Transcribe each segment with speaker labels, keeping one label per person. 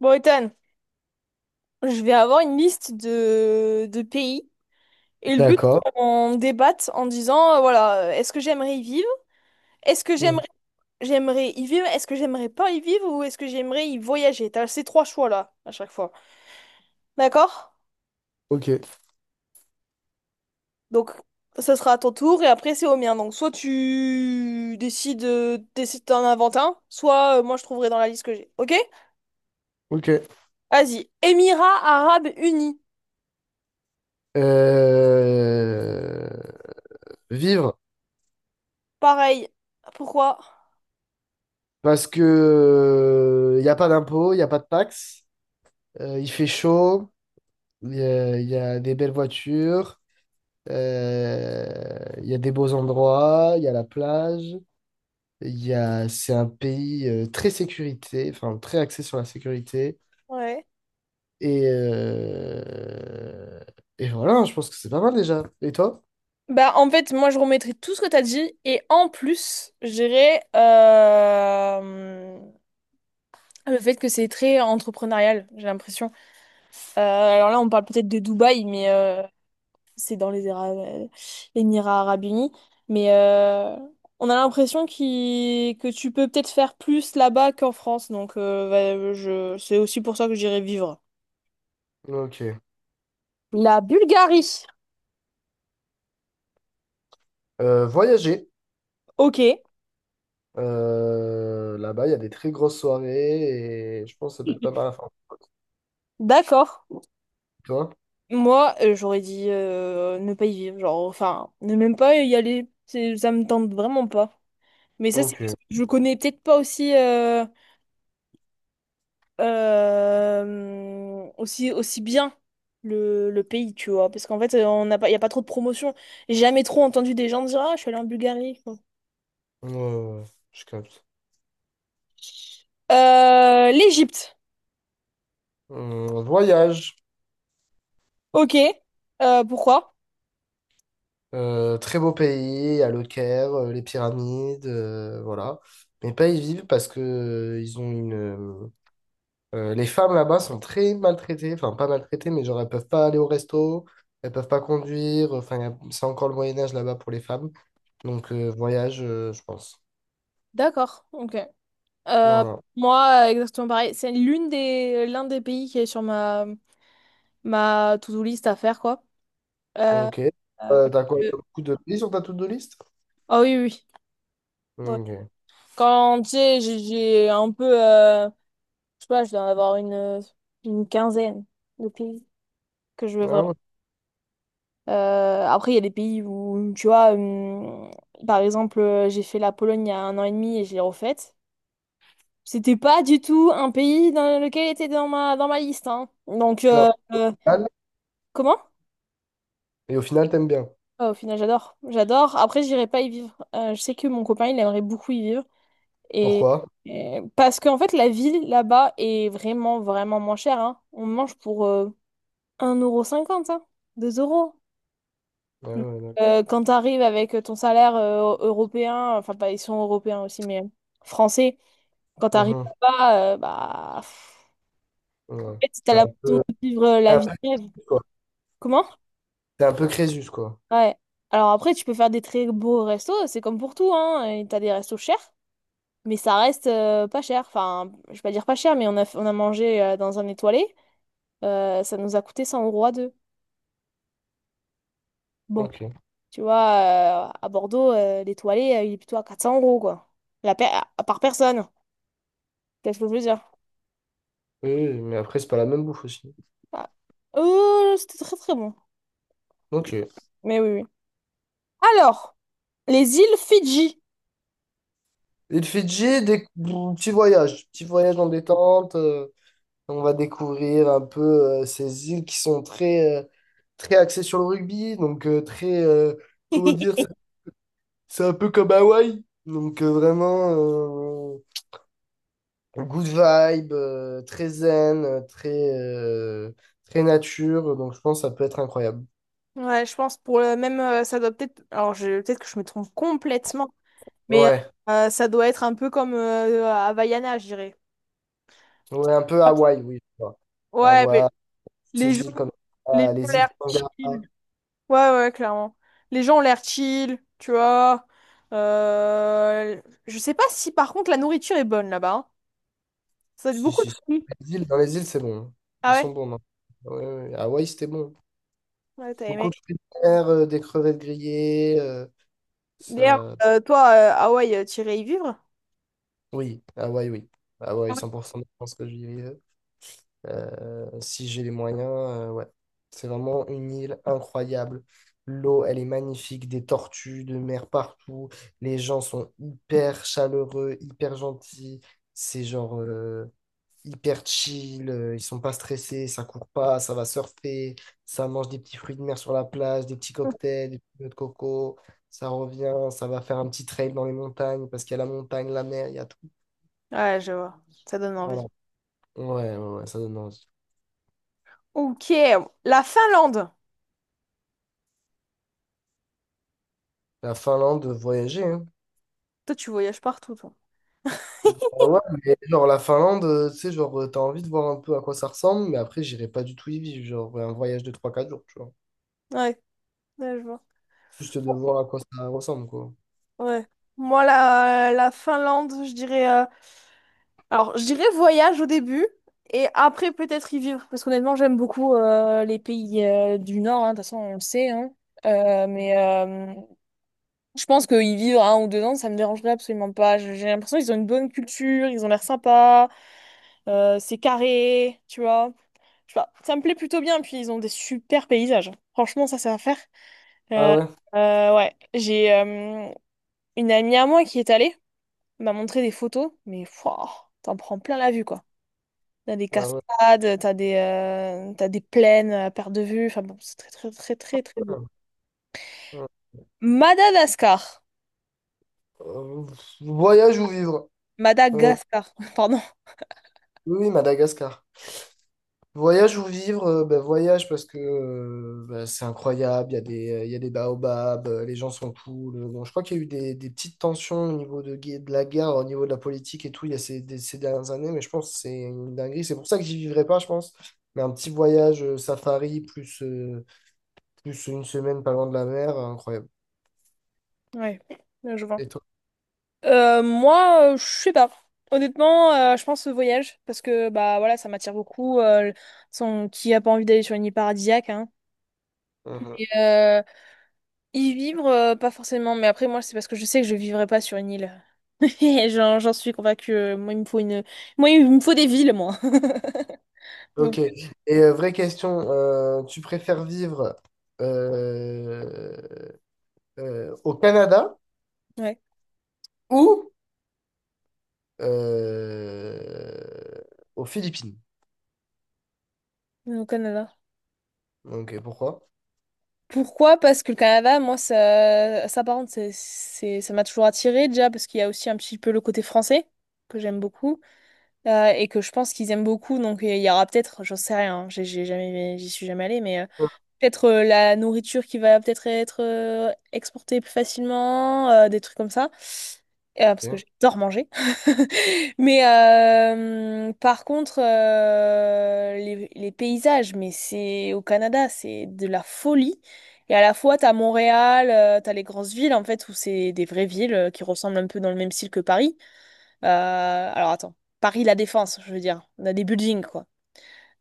Speaker 1: Bon, Ethan, je vais avoir une liste de pays et le but,
Speaker 2: D'accord.
Speaker 1: c'est qu'on débatte en disant, voilà, est-ce que j'aimerais y vivre? Est-ce que
Speaker 2: Mhm.
Speaker 1: j'aimerais y vivre? Est-ce que j'aimerais pas y vivre ou est-ce que j'aimerais y voyager? T'as ces trois choix-là à chaque fois. D'accord?
Speaker 2: Ok,
Speaker 1: Donc, ça sera à ton tour et après, c'est au mien. Donc, soit tu décides, décides d'en inventer un, soit moi, je trouverai dans la liste que j'ai. Ok?
Speaker 2: ok.
Speaker 1: Vas-y. Émirats Arabes Unis.
Speaker 2: Euh, Vivre,
Speaker 1: Pareil. Pourquoi?
Speaker 2: parce que il n'y a pas d'impôts, il n'y a pas de taxes, il fait chaud, il y a, y a des belles voitures. Il y a des beaux endroits, il y a la plage, c'est un pays très sécurité, enfin très axé sur la sécurité.
Speaker 1: Ouais.
Speaker 2: Et, euh, et voilà, je pense que c'est pas mal déjà. Et toi?
Speaker 1: Bah, en fait, moi, je remettrai tout ce que t'as dit. Et en plus, je dirais le fait que c'est très entrepreneurial, j'ai l'impression. Alors là, on parle peut-être de Dubaï, mais c'est dans les Émirats Arabes Unis. Mais on a l'impression que tu peux peut-être faire plus là-bas qu'en France. Donc, bah, je... c'est aussi pour ça que j'irai vivre.
Speaker 2: Ok.
Speaker 1: La Bulgarie.
Speaker 2: Voyager.
Speaker 1: Ok,
Speaker 2: Là-bas, il y a des très grosses soirées et je pense que ça peut être pas mal à faire.
Speaker 1: d'accord.
Speaker 2: Toi?
Speaker 1: Moi, j'aurais dit ne pas y vivre, genre, enfin, ne même pas y aller, ça me tente vraiment pas. Mais ça, c'est
Speaker 2: Ok.
Speaker 1: parce
Speaker 2: Ouais,
Speaker 1: que je connais peut-être pas aussi, aussi bien le pays, tu vois, parce qu'en fait, on n'a pas, y a pas trop de promotion. J'ai jamais trop entendu des gens dire, ah, je suis allée en Bulgarie, quoi.
Speaker 2: ouais, je capte.
Speaker 1: L'Égypte,
Speaker 2: Voyage.
Speaker 1: ok. Pourquoi?
Speaker 2: Très beau pays, à Le Caire, les pyramides, voilà. Mais pas y vivre parce que ils ont une. Les femmes là-bas sont très maltraitées, enfin pas maltraitées, mais genre elles peuvent pas aller au resto, elles peuvent pas conduire. Enfin, c'est encore le Moyen Âge là-bas pour les femmes. Donc voyage, je pense.
Speaker 1: D'accord, ok. Euh,
Speaker 2: Voilà.
Speaker 1: moi, exactement pareil. C'est l'un des pays qui est sur ma to-do list à faire, quoi. Euh,
Speaker 2: Ok.
Speaker 1: euh, parce
Speaker 2: T'as quoi?
Speaker 1: que-
Speaker 2: T'as beaucoup de pays sur ta to-do list?
Speaker 1: Ah oui, oui. Ouais.
Speaker 2: Ok.
Speaker 1: Quand, tu sais, j'ai un peu... je sais pas, je dois en avoir une quinzaine de pays que je veux
Speaker 2: Ah
Speaker 1: vraiment.
Speaker 2: ouais.
Speaker 1: Après, il y a des pays où, tu vois, par exemple, j'ai fait la Pologne il y a un an et demi et je l'ai refaite. C'était pas du tout un pays dans lequel il était dans dans ma liste, hein. Donc,
Speaker 2: Clairement.
Speaker 1: comment?
Speaker 2: Et au final, t'aimes bien.
Speaker 1: Ah, au final, j'adore. J'adore. Après, j'irai pas y vivre. Je sais que mon copain, il aimerait beaucoup y vivre. Et,
Speaker 2: Pourquoi?
Speaker 1: Parce qu'en fait, la vie là-bas est vraiment, vraiment moins chère, hein. On mange pour 1,50€, hein, 2 euros.
Speaker 2: Ah
Speaker 1: Mm.
Speaker 2: ouais, d'accord.
Speaker 1: Quand tu arrives avec ton salaire européen, enfin, pas, ils sont européens aussi, mais français, quand tu arrives
Speaker 2: Mhm.
Speaker 1: là-bas, bah, pff, en
Speaker 2: Ouais.
Speaker 1: fait, t'as
Speaker 2: T'es un
Speaker 1: l'impression
Speaker 2: peu,
Speaker 1: de vivre
Speaker 2: t'es
Speaker 1: la
Speaker 2: un
Speaker 1: vie de rêve.
Speaker 2: peu, quoi.
Speaker 1: Comment?
Speaker 2: T'es un peu Crésus, quoi.
Speaker 1: Ouais. Alors après, tu peux faire des très beaux restos, c'est comme pour tout, hein. Et t'as des restos chers, mais ça reste pas cher. Enfin, je vais pas dire pas cher, mais on a mangé dans un étoilé. Ça nous a coûté 100 euros à deux. Bon,
Speaker 2: Ok. Oui,
Speaker 1: tu vois, à Bordeaux, l'étoilé, il est plutôt à 400 euros, quoi. Par personne. Qu'est-ce que je veux dire?
Speaker 2: oui, mais après, c'est pas la même bouffe aussi.
Speaker 1: Ah. C'était très très bon.
Speaker 2: Ok. Et
Speaker 1: Mais oui, oui. Alors, les îles Fidji.
Speaker 2: le Fidji, des... petits voyages. Petit voyage en détente, on va découvrir un peu ces îles qui sont très, très axées sur le rugby. Donc, très. Comment dire? ça- C'est un peu comme Hawaï. Donc, vraiment. euh, Good vibe, très zen, euh, très nature. Donc, je pense que ça peut être incroyable.
Speaker 1: Ouais, je pense pour le même, ça doit peut-être. Alors, je... peut-être que je me trompe complètement, mais
Speaker 2: Ouais,
Speaker 1: ça doit être un peu comme Havaiana, je dirais.
Speaker 2: ouais, un peu Hawaï, oui, je vois.
Speaker 1: Ouais, mais
Speaker 2: Hawaï,
Speaker 1: les gens,
Speaker 2: ces îles comme
Speaker 1: les
Speaker 2: ça,
Speaker 1: gens ont
Speaker 2: les îles
Speaker 1: l'air
Speaker 2: Tonga.
Speaker 1: chill. Ouais, ouais, clairement. Les gens ont l'air chill, tu vois. Euh, Je sais pas si par contre la nourriture est bonne là-bas, hein. Ça doit être
Speaker 2: Si,
Speaker 1: beaucoup de
Speaker 2: si, si.
Speaker 1: fruits.
Speaker 2: Les îles, dans les îles, c'est bon, hein.
Speaker 1: Ah
Speaker 2: Ils sont
Speaker 1: ouais?
Speaker 2: bons, non? Ouais, ouais, ouais. Hawaï, c'était bon.
Speaker 1: Ouais, t'as
Speaker 2: Beaucoup
Speaker 1: aimé.
Speaker 2: de fruits de mer, des crevettes grillées.
Speaker 1: D'ailleurs,
Speaker 2: Ça...
Speaker 1: toi, Hawaï, t'irais y vivre?
Speaker 2: Oui. Hawaï, 100% je pense que j'y ai. Si j'ai les moyens, ouais. C'est vraiment une île incroyable. L'eau, elle est magnifique, des tortues de mer partout. Les gens sont hyper chaleureux, hyper gentils. C'est hyper chill. Ils sont pas stressés, ça court pas, ça va surfer, ça mange des petits fruits de mer sur la plage, des petits cocktails, des petits noix de coco. Ça revient, ça va faire un petit trail dans les montagnes parce qu'il y a la montagne, la mer, il y a tout.
Speaker 1: Ouais, je vois. Ça donne
Speaker 2: Voilà.
Speaker 1: envie.
Speaker 2: Ouais, ouais, ouais, ça donne envie.
Speaker 1: Ok, la Finlande.
Speaker 2: La Finlande, voyager, hein.
Speaker 1: Toi, tu voyages partout, toi.
Speaker 2: Ah ouais, mais genre la Finlande, tu sais, t'as envie de voir un peu à quoi ça ressemble, mais après j'irai pas du tout y vivre, genre un voyage de trois quatre jours, tu vois.
Speaker 1: Ouais, ouais, je vois.
Speaker 2: Juste de voir à quoi ça ressemble, quoi.
Speaker 1: Ouais. Moi, la Finlande, je dirais. Euh, alors, je dirais voyage au début et après peut-être y vivre parce qu'honnêtement, j'aime beaucoup les pays du Nord, hein. De toute façon, on le sait, hein. Euh, mais euh, je pense que y vivre un ou deux ans, ça me dérangerait absolument pas. J'ai l'impression qu'ils ont une bonne culture, ils ont l'air sympas, c'est carré, tu vois. Je sais pas, ça me plaît plutôt bien, puis ils ont des super paysages. Franchement, ça, c'est à faire.
Speaker 2: Ah
Speaker 1: Euh,
Speaker 2: ouais?
Speaker 1: ouais, j'ai une amie à moi qui est allée, m'a montré des photos, mais fouah, t'en prends plein la vue, quoi. T'as des
Speaker 2: Ah ouais.
Speaker 1: cascades, t'as des plaines à perte de vue. Enfin bon, c'est très très très très très beau.
Speaker 2: Ah, ah.
Speaker 1: Madagascar.
Speaker 2: Euh, Voyage ou vivre? Euh,
Speaker 1: Madagascar, pardon.
Speaker 2: oui, oui, Madagascar. Voyage ou vivre, bah, voyage parce que bah, c'est incroyable, il y a il y a des baobabs, les gens sont cool. Bon, je crois qu'il y a eu des petites tensions au niveau de la guerre, au niveau de la politique et tout, il y a ces dernières années, mais je pense que c'est une dinguerie. C'est pour ça que j'y vivrai pas, je pense. Mais un petit voyage safari plus, plus une semaine pas loin de la mer, incroyable.
Speaker 1: Ouais, là, je vois.
Speaker 2: Et toi?
Speaker 1: Moi, je sais pas. Honnêtement, je pense au voyage parce que bah voilà, ça m'attire beaucoup. Qui a pas envie d'aller sur une île paradisiaque, hein.
Speaker 2: Mhm.
Speaker 1: Et, y vivre, pas forcément. Mais après, moi, c'est parce que je sais que je vivrai pas sur une île. J'en suis convaincue. Euh, moi, il me faut une. Moi, il me faut des villes, moi. Donc,
Speaker 2: Ok. Et vraie question, tu préfères vivre euh, au Canada?
Speaker 1: ouais.
Speaker 2: Ou euh, aux Philippines.
Speaker 1: Au Canada.
Speaker 2: Donc, pourquoi?
Speaker 1: Pourquoi? Parce que le Canada, moi, ça par contre, ça m'a toujours attiré déjà, parce qu'il y a aussi un petit peu le côté français, que j'aime beaucoup, et que je pense qu'ils aiment beaucoup, donc il y aura peut-être, j'en sais rien, hein, j'y suis jamais allée, mais
Speaker 2: Ok.
Speaker 1: peut-être la nourriture qui va peut-être être exportée plus facilement, des trucs comme ça. Parce que j'adore manger. Mais par contre, les paysages, mais c'est au Canada, c'est de la folie. Et à la fois, t'as Montréal, t'as les grosses villes, en fait, où c'est des vraies villes qui ressemblent un peu dans le même style que Paris. Alors attends, Paris, La Défense, je veux dire. On a des buildings, quoi.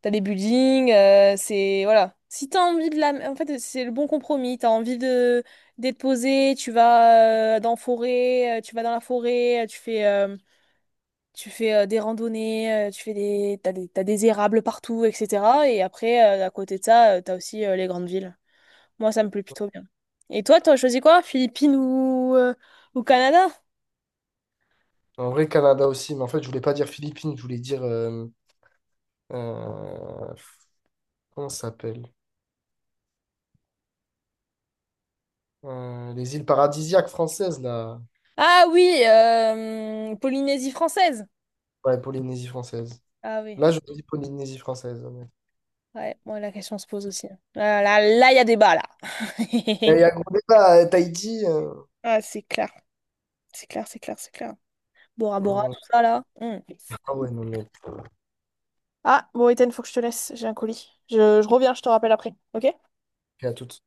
Speaker 1: T'as des buildings, c'est... Voilà. Si t'as envie de la... En fait, c'est le bon compromis. T'as envie de d'être posé, tu vas dans forêt, tu vas dans la forêt, tu fais des randonnées, tu fais des... t'as des érables partout, etc. Et après, à côté de ça, t'as aussi les grandes villes. Moi, ça me plaît plutôt bien. Et toi, t'as choisi quoi? Philippines ou, Canada?
Speaker 2: En vrai, Canada aussi, mais en fait, je voulais pas dire Philippines, je voulais dire, euh, comment ça s'appelle? Les îles paradisiaques françaises, là.
Speaker 1: Ah oui, Polynésie française.
Speaker 2: Ouais, Polynésie française.
Speaker 1: Ah oui,
Speaker 2: Là, je dis Polynésie française, ouais.
Speaker 1: ouais, moi la question se pose aussi. Là, il y a débat, là.
Speaker 2: Il y a gros débat, Tahiti.
Speaker 1: Ah, c'est clair, c'est clair, c'est clair, c'est clair. Bora Bora, tout ça là. Hmm.
Speaker 2: Ah ouais, non, mais.
Speaker 1: Ah, bon, Ethan, faut que je te laisse, j'ai un colis. Je reviens, je te rappelle après, ok?
Speaker 2: Et à toutes.